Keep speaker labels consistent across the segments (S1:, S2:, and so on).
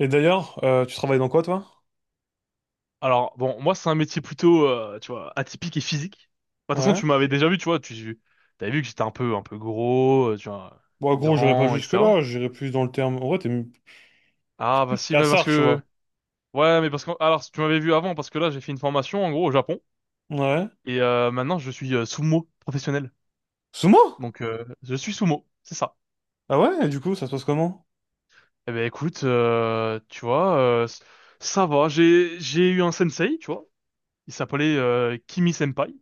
S1: Et d'ailleurs, tu travailles dans quoi, toi?
S2: Alors, bon, moi, c'est un métier plutôt, tu vois, atypique et physique. Bah, de toute façon,
S1: Ouais.
S2: tu m'avais déjà vu, tu vois, tu t'avais vu que j'étais un peu gros, tu vois,
S1: Bon, gros, j'irai pas
S2: grand, etc.
S1: jusque-là, j'irai plus dans le terme. En vrai, t'es
S2: Ah, bah
S1: plus
S2: si, bah, parce
S1: cassard, tu vois.
S2: que, ouais, mais parce que, alors, tu m'avais vu avant, parce que là, j'ai fait une formation, en gros, au Japon,
S1: Ouais.
S2: et maintenant, je suis sumo professionnel.
S1: Sumo?
S2: Donc, je suis sumo, c'est ça.
S1: Ah ouais, et du coup, ça se passe comment?
S2: Eh ben, écoute, tu vois, ça va, j'ai eu un sensei, tu vois, il s'appelait Kimi Senpai.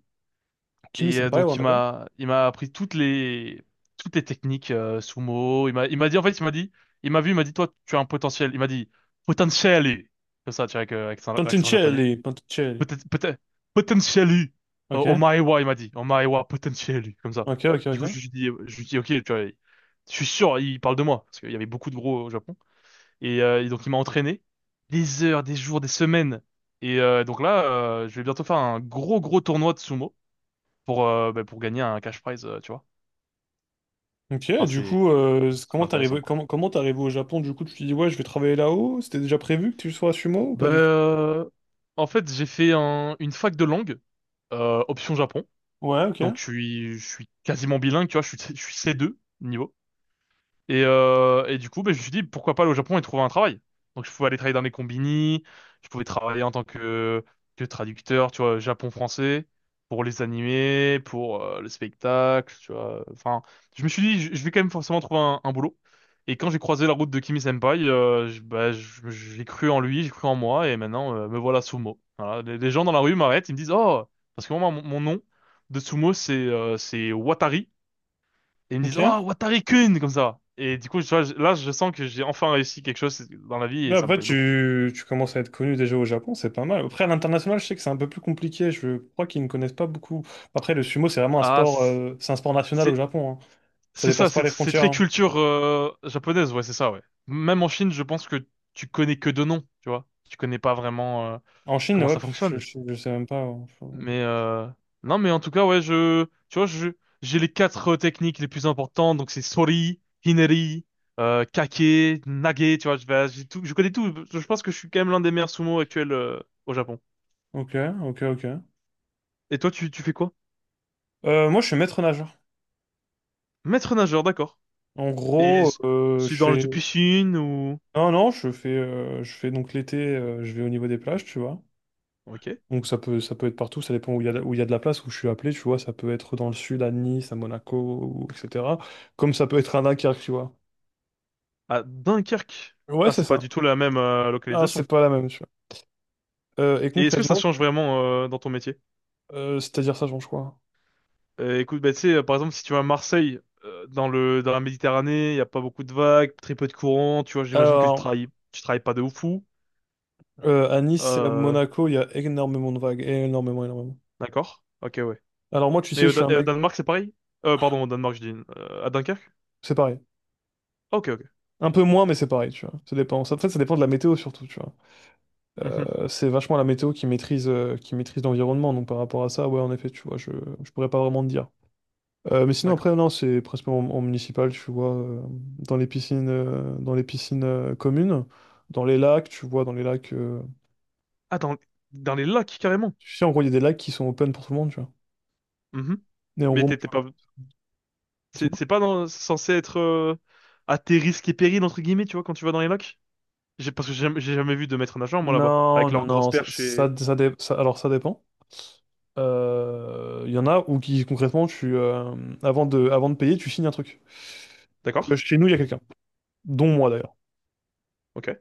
S1: Kimi
S2: Et
S1: Senpai,
S2: donc
S1: on
S2: il
S1: appelle?
S2: m'a il m'a appris toutes les techniques sumo. Il m'a dit, en fait, il m'a dit, il m'a vu, il m'a dit, toi tu as un potentiel. Il m'a dit potentially, comme ça tu vois, avec accent, accent japonais.
S1: Pantincelli, Pantincelli.
S2: Peut-être, peut-être potentially,
S1: Ok,
S2: omaewa, il m'a dit omaewa potentially, comme ça.
S1: ok, ok,
S2: Du coup, je
S1: ok.
S2: lui dis je lui dis ok, tu vois, je suis sûr il parle de moi parce qu'il y avait beaucoup de gros au Japon, et donc il m'a entraîné des heures, des jours, des semaines, et donc là, je vais bientôt faire un gros gros tournoi de sumo pour, pour gagner un cash prize, tu vois.
S1: Ok,
S2: Enfin,
S1: du
S2: c'est
S1: coup,
S2: super
S1: comment t'es
S2: intéressant,
S1: arrivé,
S2: quoi.
S1: comment t'es arrivé au Japon? Du coup, tu te dis, ouais, je vais travailler là-haut. C'était déjà prévu que tu sois à Sumo ou
S2: Bah,
S1: pas du tout?
S2: en fait, j'ai fait une fac de langue, option Japon.
S1: Ouais, ok,
S2: Donc, je suis quasiment bilingue, tu vois, je suis C2 niveau. Et du coup, ben, je me suis dit, pourquoi pas aller au Japon et trouver un travail? Donc, je pouvais aller travailler dans les combini, je pouvais travailler en tant que traducteur, tu vois, Japon-français, pour les animés, pour le spectacle, tu vois. Enfin, je me suis dit, je vais quand même forcément trouver un boulot. Et quand j'ai croisé la route de Kimi Senpai, j'ai cru en lui, j'ai cru en moi, et maintenant, me voilà Sumo. Voilà. Les gens dans la rue m'arrêtent, ils me disent, oh, parce que moi, mon nom de Sumo, c'est Watari. Et ils me disent,
S1: ok.
S2: oh, Watari-kun, comme ça. Et du coup, tu vois, là, je sens que j'ai enfin réussi quelque chose dans la vie
S1: Mais
S2: et ça me
S1: après,
S2: plaît beaucoup.
S1: tu commences à être connu déjà au Japon, c'est pas mal. Après, à l'international, je sais que c'est un peu plus compliqué. Je crois qu'ils ne connaissent pas beaucoup. Après, le sumo, c'est vraiment
S2: Ah,
S1: c'est un sport national au
S2: c'est,
S1: Japon, hein. Ça
S2: c'est ça,
S1: dépasse pas
S2: c'est,
S1: les
S2: c'est
S1: frontières,
S2: très
S1: hein.
S2: culture, japonaise, ouais, c'est ça, ouais. Même en Chine, je pense que tu connais que deux noms, tu vois. Tu connais pas vraiment,
S1: En Chine,
S2: comment
S1: ouais,
S2: ça
S1: je,
S2: fonctionne.
S1: je, je sais même pas, hein.
S2: Mais, non, mais en tout cas, ouais, tu vois, j'ai les quatre techniques les plus importantes, donc c'est Sori, Hineri, Kake, Nage, tu vois, j'ai tout, je connais tout. Je pense que je suis quand même l'un des meilleurs sumo actuels, au Japon.
S1: Ok, ok, ok.
S2: Et toi, tu fais quoi?
S1: Moi, je suis maître nageur.
S2: Maître nageur, d'accord.
S1: En
S2: Et
S1: gros, je
S2: c'est dans le du
S1: fais.
S2: piscine ou.
S1: Non, non, je fais donc l'été, je vais au niveau des plages, tu vois.
S2: Ok.
S1: Donc ça peut être partout, ça dépend où il y a, où il y a de la place, où je suis appelé, tu vois, ça peut être dans le sud, à Nice, à Monaco, ou, etc. Comme ça peut être à Dunkerque, tu vois.
S2: À Dunkerque.
S1: Ouais,
S2: Ah,
S1: c'est
S2: c'est pas
S1: ça.
S2: du tout la même
S1: Alors, c'est
S2: localisation.
S1: pas la même, tu vois. Et
S2: Et est-ce que ça
S1: concrètement,
S2: change vraiment dans ton métier?
S1: c'est-à-dire ça change quoi?
S2: Écoute, bah, tu sais, par exemple, si tu vas à Marseille, dans la Méditerranée, il n'y a pas beaucoup de vagues, très peu de courant, tu vois, j'imagine que
S1: Alors,
S2: tu travailles pas de ouf fou.
S1: à Nice et à
S2: Euh,
S1: Monaco, il y a énormément de vagues, énormément, énormément.
S2: d'accord. Ok, ouais.
S1: Alors moi, tu
S2: Mais
S1: sais,
S2: au,
S1: je suis un
S2: Et au
S1: mec,
S2: Danemark, c'est pareil? Pardon, au Danemark, je dis. À Dunkerque?
S1: c'est pareil.
S2: Ok, ok.
S1: Un peu moins, mais c'est pareil, tu vois. Ça dépend. Ça, en fait, ça dépend de la météo surtout, tu vois.
S2: Mhm,
S1: C'est vachement la météo qui maîtrise l'environnement. Donc par rapport à ça, ouais, en effet, tu vois, je pourrais pas vraiment te dire. Mais sinon, après,
S2: d'accord.
S1: non, c'est principalement en municipal, tu vois, dans les piscines communes, dans les lacs, tu vois, dans les lacs.
S2: Ah, dans les lacs, carrément.
S1: Tu sais, en gros, il y a des lacs qui sont open pour tout le monde, tu vois.
S2: Mhm.
S1: Et en
S2: Mais
S1: gros, moi, tu
S2: t'étais
S1: vois,
S2: pas, C'est
S1: dis-moi.
S2: c'est pas censé être à tes risques et périls, entre guillemets, tu vois, quand tu vas dans les lacs? Parce que j'ai jamais vu de maître nageur, moi, là-bas.
S1: Non,
S2: Avec
S1: non,
S2: leurs grosses
S1: non,
S2: perches et.
S1: alors ça dépend. Il y en a où qui, concrètement, avant de payer, tu signes un truc.
S2: D'accord?
S1: Chez nous, il y a quelqu'un, dont moi d'ailleurs.
S2: Ok.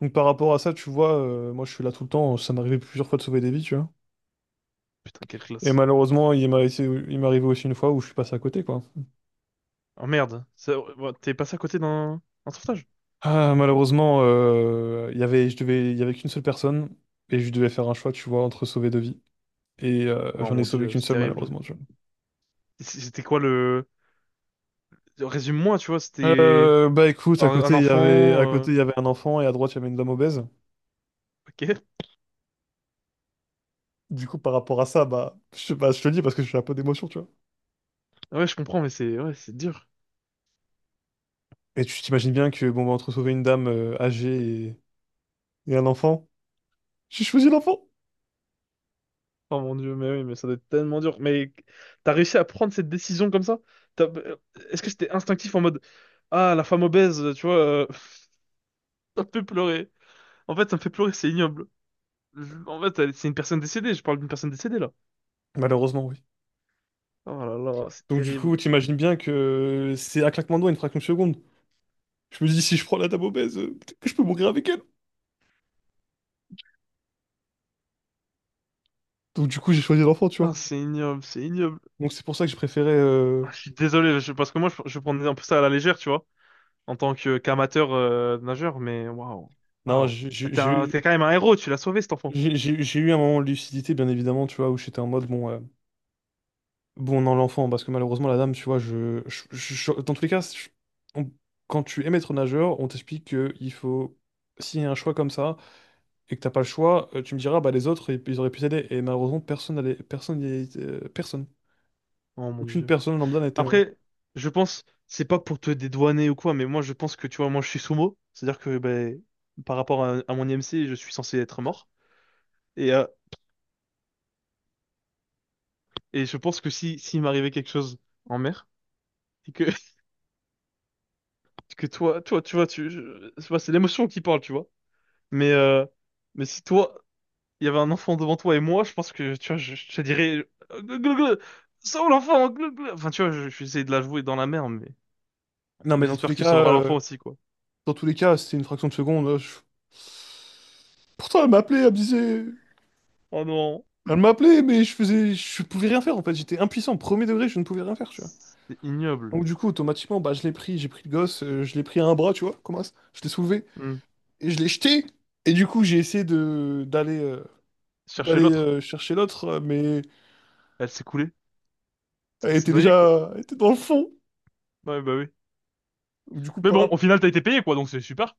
S1: Donc par rapport à ça, tu vois, moi je suis là tout le temps, ça m'est arrivé plusieurs fois de sauver des vies, tu vois.
S2: Putain, quelle
S1: Et
S2: classe.
S1: malheureusement, il m'est arrivé aussi une fois où je suis passé à côté, quoi.
S2: Oh merde. Ouais, t'es passé à côté d'un un sauvetage?
S1: Ah, malheureusement, il y avait qu'une seule personne et je devais faire un choix, tu vois, entre sauver deux vies. Et
S2: Oh
S1: j'en ai
S2: mon
S1: sauvé
S2: Dieu,
S1: qu'une
S2: c'est
S1: seule,
S2: terrible.
S1: malheureusement, tu
S2: C'était quoi le. Résume-moi, tu vois,
S1: vois.
S2: c'était
S1: Bah écoute,
S2: un, un enfant.
S1: à côté, il y avait un enfant et à droite, il y avait une dame obèse.
S2: Ok.
S1: Du coup, par rapport à ça, bah, je te le dis parce que j'ai un peu d'émotion, tu vois.
S2: Ouais, je comprends, mais c'est ouais, c'est dur.
S1: Et tu t'imagines bien que, bon, bah, entre sauver une dame âgée et un enfant, j'ai choisi l'enfant.
S2: Oh mon Dieu, mais oui, mais ça doit être tellement dur. Mais t'as réussi à prendre cette décision comme ça? T'as- euh, Est-ce que c'était instinctif en mode, ah, la femme obèse, tu vois, ça me fait pleurer. En fait, ça me fait pleurer, c'est ignoble. En fait, c'est une personne décédée, je parle d'une personne décédée là.
S1: Malheureusement, oui.
S2: Oh là là, c'est
S1: Donc du coup,
S2: terrible.
S1: t'imagines bien que c'est un claquement de doigts, une fraction de seconde. Je me dis, si je prends la dame obèse, peut-être que je peux mourir avec elle. Donc du coup, j'ai choisi l'enfant, tu
S2: Ah,
S1: vois.
S2: c'est ignoble, c'est ignoble.
S1: Donc c'est pour ça que je préférais.
S2: Ah, je suis désolé, parce que moi, je prenais un peu ça à la légère, tu vois, en tant que qu'amateur nageur, mais waouh,
S1: Non,
S2: waouh.
S1: j'ai j'ai-
S2: T'es
S1: j'ai eu
S2: t'es quand même un héros, tu l'as sauvé cet enfant.
S1: j'ai- j'ai- j'ai eu un moment de lucidité, bien évidemment, tu vois, où j'étais en mode, bon, bon, non, l'enfant, parce que malheureusement, la dame, tu vois, dans tous les cas, on- quand tu es maître nageur, on t'explique que il faut... S'il y a un choix comme ça, et que t'as pas le choix, tu me diras, bah les autres, ils auraient pu t'aider. Et malheureusement, personne n'allait... Personne... personne.
S2: Oh mon
S1: Aucune
S2: Dieu.
S1: personne lambda n'a été là. Ouais.
S2: Après, je pense, c'est pas pour te dédouaner ou quoi, mais moi je pense que tu vois, moi je suis sumo, c'est-à-dire que ben, par rapport à mon IMC, je suis censé être mort. Et, euh, et je pense que si s'il m'arrivait quelque chose en mer, et que, que toi, toi, tu vois, c'est c'est l'émotion qui parle, tu vois. Mais, euh, mais si toi, il y avait un enfant devant toi et moi, je pense que tu vois, je te dirais, glou, glou, glou, sauve l'enfant, glou, glou. Enfin, tu vois, je vais essayer de la jouer dans la mer, mais,
S1: Non, mais
S2: mais
S1: dans tous
S2: j'espère
S1: les
S2: que tu
S1: cas...
S2: sauveras l'enfant
S1: euh,
S2: aussi, quoi.
S1: Dans tous les cas, c'était une fraction de seconde. Pourtant, elle m'appelait, elle me disait...
S2: Oh non,
S1: Elle m'appelait, mais je pouvais rien faire en fait. J'étais impuissant, premier degré, je ne pouvais rien faire, tu vois.
S2: c'est ignoble.
S1: Donc du coup, automatiquement, bah, j'ai pris le gosse, je l'ai pris à un bras, tu vois, comment ça. Je l'ai soulevé
S2: Hmm.
S1: et je l'ai jeté. Et du coup, j'ai essayé de d'aller
S2: Chercher
S1: d'aller
S2: l'autre.
S1: chercher l'autre, mais
S2: Elle s'est coulée. Elle s'est noyée, quoi.
S1: elle était dans le fond.
S2: Ouais, bah oui.
S1: Du coup,
S2: Mais bon, au final, t'as été payé, quoi, donc c'est super.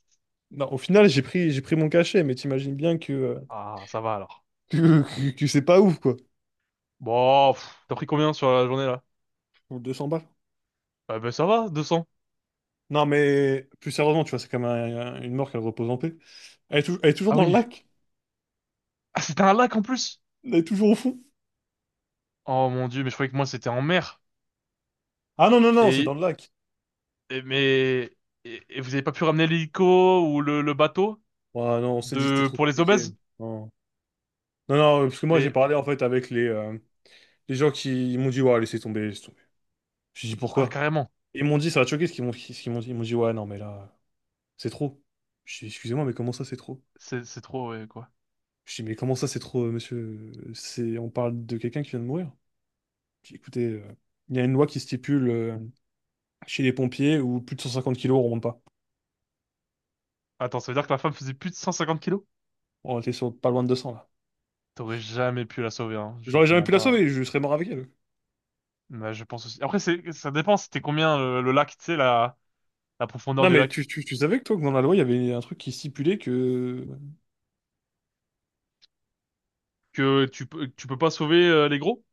S1: non, au final, j'ai pris mon cachet, mais t'imagines bien que
S2: Ah, ça va alors.
S1: que c'est pas ouf quoi.
S2: Bon, pff, t'as pris combien sur la journée, là?
S1: Pour 200 balles.
S2: Ah, bah ça va, 200.
S1: Non, mais plus sérieusement, tu vois, c'est quand même une mort qu'elle repose en paix. Elle est toujours
S2: Ah
S1: dans le
S2: oui.
S1: lac.
S2: Ah, c'était un lac en plus.
S1: Elle est toujours au fond.
S2: Oh mon Dieu, mais je croyais que moi, c'était en mer.
S1: Ah non, non, non, c'est dans
S2: Et,
S1: le lac.
S2: mais, et vous avez pas pu ramener l'hélico ou le bateau
S1: Ouais, non, on s'est dit que c'était trop
S2: pour les
S1: compliqué.
S2: obèses?
S1: Non, non, non, parce que moi j'ai
S2: Mais,
S1: parlé en fait avec les gens qui ils m'ont dit, ouais, laissez tomber, laissez tomber. J'ai dit
S2: ah,
S1: pourquoi?
S2: carrément.
S1: Ils m'ont dit, ça va te choquer ce qu'ils m'ont dit. Ils m'ont dit, ouais, non, mais là, c'est trop. Je dis, excusez-moi, mais comment ça c'est trop?
S2: C'est trop, ouais, quoi.
S1: Je dis, mais comment ça c'est trop, monsieur? C'est, on parle de quelqu'un qui vient de mourir. Je dis, écoutez, il y a une loi qui stipule chez les pompiers où plus de 150 kilos, on remonte pas.
S2: Attends, ça veut dire que la femme faisait plus de 150 kilos?
S1: On était sur pas loin de 200 là.
S2: T'aurais jamais pu la sauver, hein. Je
S1: J'aurais
S2: te
S1: jamais pu
S2: mens
S1: la
S2: pas.
S1: sauver, je serais mort avec elle.
S2: Bah, je pense aussi. Après, ça dépend, c'était combien le lac, tu sais, la profondeur
S1: Non,
S2: du
S1: mais
S2: lac.
S1: tu savais que toi, que dans la loi, il y avait un truc qui stipulait que...
S2: Que tu peux pas sauver les gros?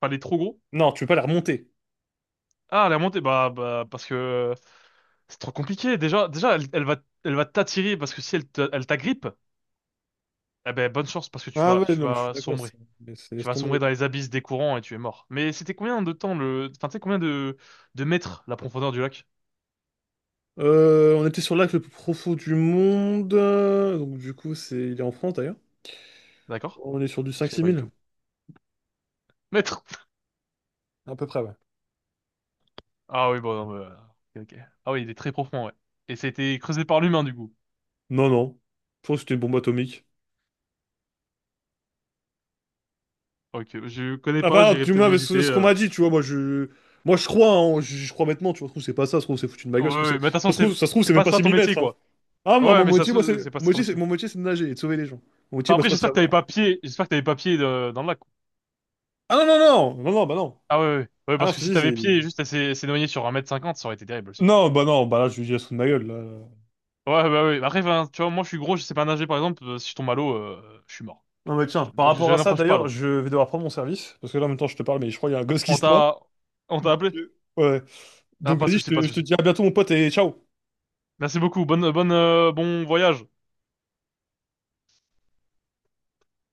S2: Pas les trop gros?
S1: Non, tu peux pas la remonter.
S2: Ah, la montée, bah, parce que c'est trop compliqué. Déjà, déjà, elle va t'attirer parce que si elle elle t'agrippe, eh ben, bonne chance parce que
S1: Ah ouais,
S2: tu
S1: non, mais je suis
S2: vas
S1: d'accord,
S2: sombrer.
S1: c'est... mais
S2: Tu
S1: laisse
S2: vas sombrer
S1: tomber.
S2: dans les abysses des courants et tu es mort. Mais c'était combien de temps enfin, tu sais, combien de mètres la profondeur du lac?
S1: On était sur l'acte le plus profond du monde, donc du coup, c'est... il est en France, d'ailleurs.
S2: D'accord?
S1: On est sur du
S2: Je
S1: cinq
S2: savais
S1: six
S2: pas du
S1: mille
S2: tout. Mètres!
S1: à peu près, ouais.
S2: Ah oui, bon, non, bah, ok, ok. Ah oui, il est très profond, ouais. Et ça a été creusé par l'humain, du coup.
S1: Non, non, je pense que c'était une bombe atomique.
S2: Ok, je connais pas,
S1: Enfin,
S2: j'irai
S1: tu
S2: peut-être
S1: m'as...
S2: visiter.
S1: Ce qu'on m'a dit, tu vois, moi, je... Moi, je crois, hein, je crois maintenant, tu vois, ça se trouve, c'est pas ça, ça se trouve, c'est foutu de ma
S2: Ouais,
S1: gueule, ça se trouve, c'est...
S2: ouais, mais de toute façon, c'est
S1: Ça se trouve,
S2: c'est
S1: c'est même
S2: pas
S1: pas
S2: ça
S1: six
S2: ton
S1: 000
S2: métier,
S1: mètres, hein.
S2: quoi.
S1: Ah, moi,
S2: Ouais,
S1: mon
S2: mais ça
S1: métier,
S2: se
S1: moi,
S2: trouve,
S1: c'est...
S2: c'est pas ça
S1: Mon
S2: ton
S1: métier,
S2: métier.
S1: c'est de nager et de sauver les gens. Mon métier,
S2: Enfin,
S1: moi, c'est
S2: après,
S1: pas de
S2: j'espère que t'avais
S1: savoir.
S2: pas pied, j'espère que t'avais pas pied dans le lac, quoi.
S1: Ah non, non, non, non, non, bah non.
S2: Ah ouais, ouais, ouais,
S1: Ah non,
S2: parce
S1: je
S2: que
S1: te
S2: si
S1: dis,
S2: t'avais
S1: c'est...
S2: pied et juste elle s'est noyée sur un mètre cinquante, ça aurait été terrible aussi.
S1: Non, bah non, bah là, je lui dis, elle se fout de ma gueule, là.
S2: Ouais, bah ouais. Après, enfin, tu vois, moi je suis gros, je sais pas nager par exemple, si je tombe à l'eau, je suis mort.
S1: Non, mais
S2: Voilà, je
S1: tiens,
S2: te-
S1: par
S2: Donc je
S1: rapport à ça,
S2: n'approche pas
S1: d'ailleurs,
S2: l'eau.
S1: je vais devoir prendre mon service, parce que là, en même temps, je te parle, mais je crois qu'il y a un gosse qui
S2: On
S1: se noie.
S2: t'a on t'a
S1: Donc,
S2: appelé?
S1: ouais.
S2: Ah,
S1: Donc,
S2: pas de
S1: vas-y,
S2: souci, pas de
S1: je te
S2: souci.
S1: dis à bientôt, mon pote, et ciao!
S2: Merci beaucoup, bon voyage.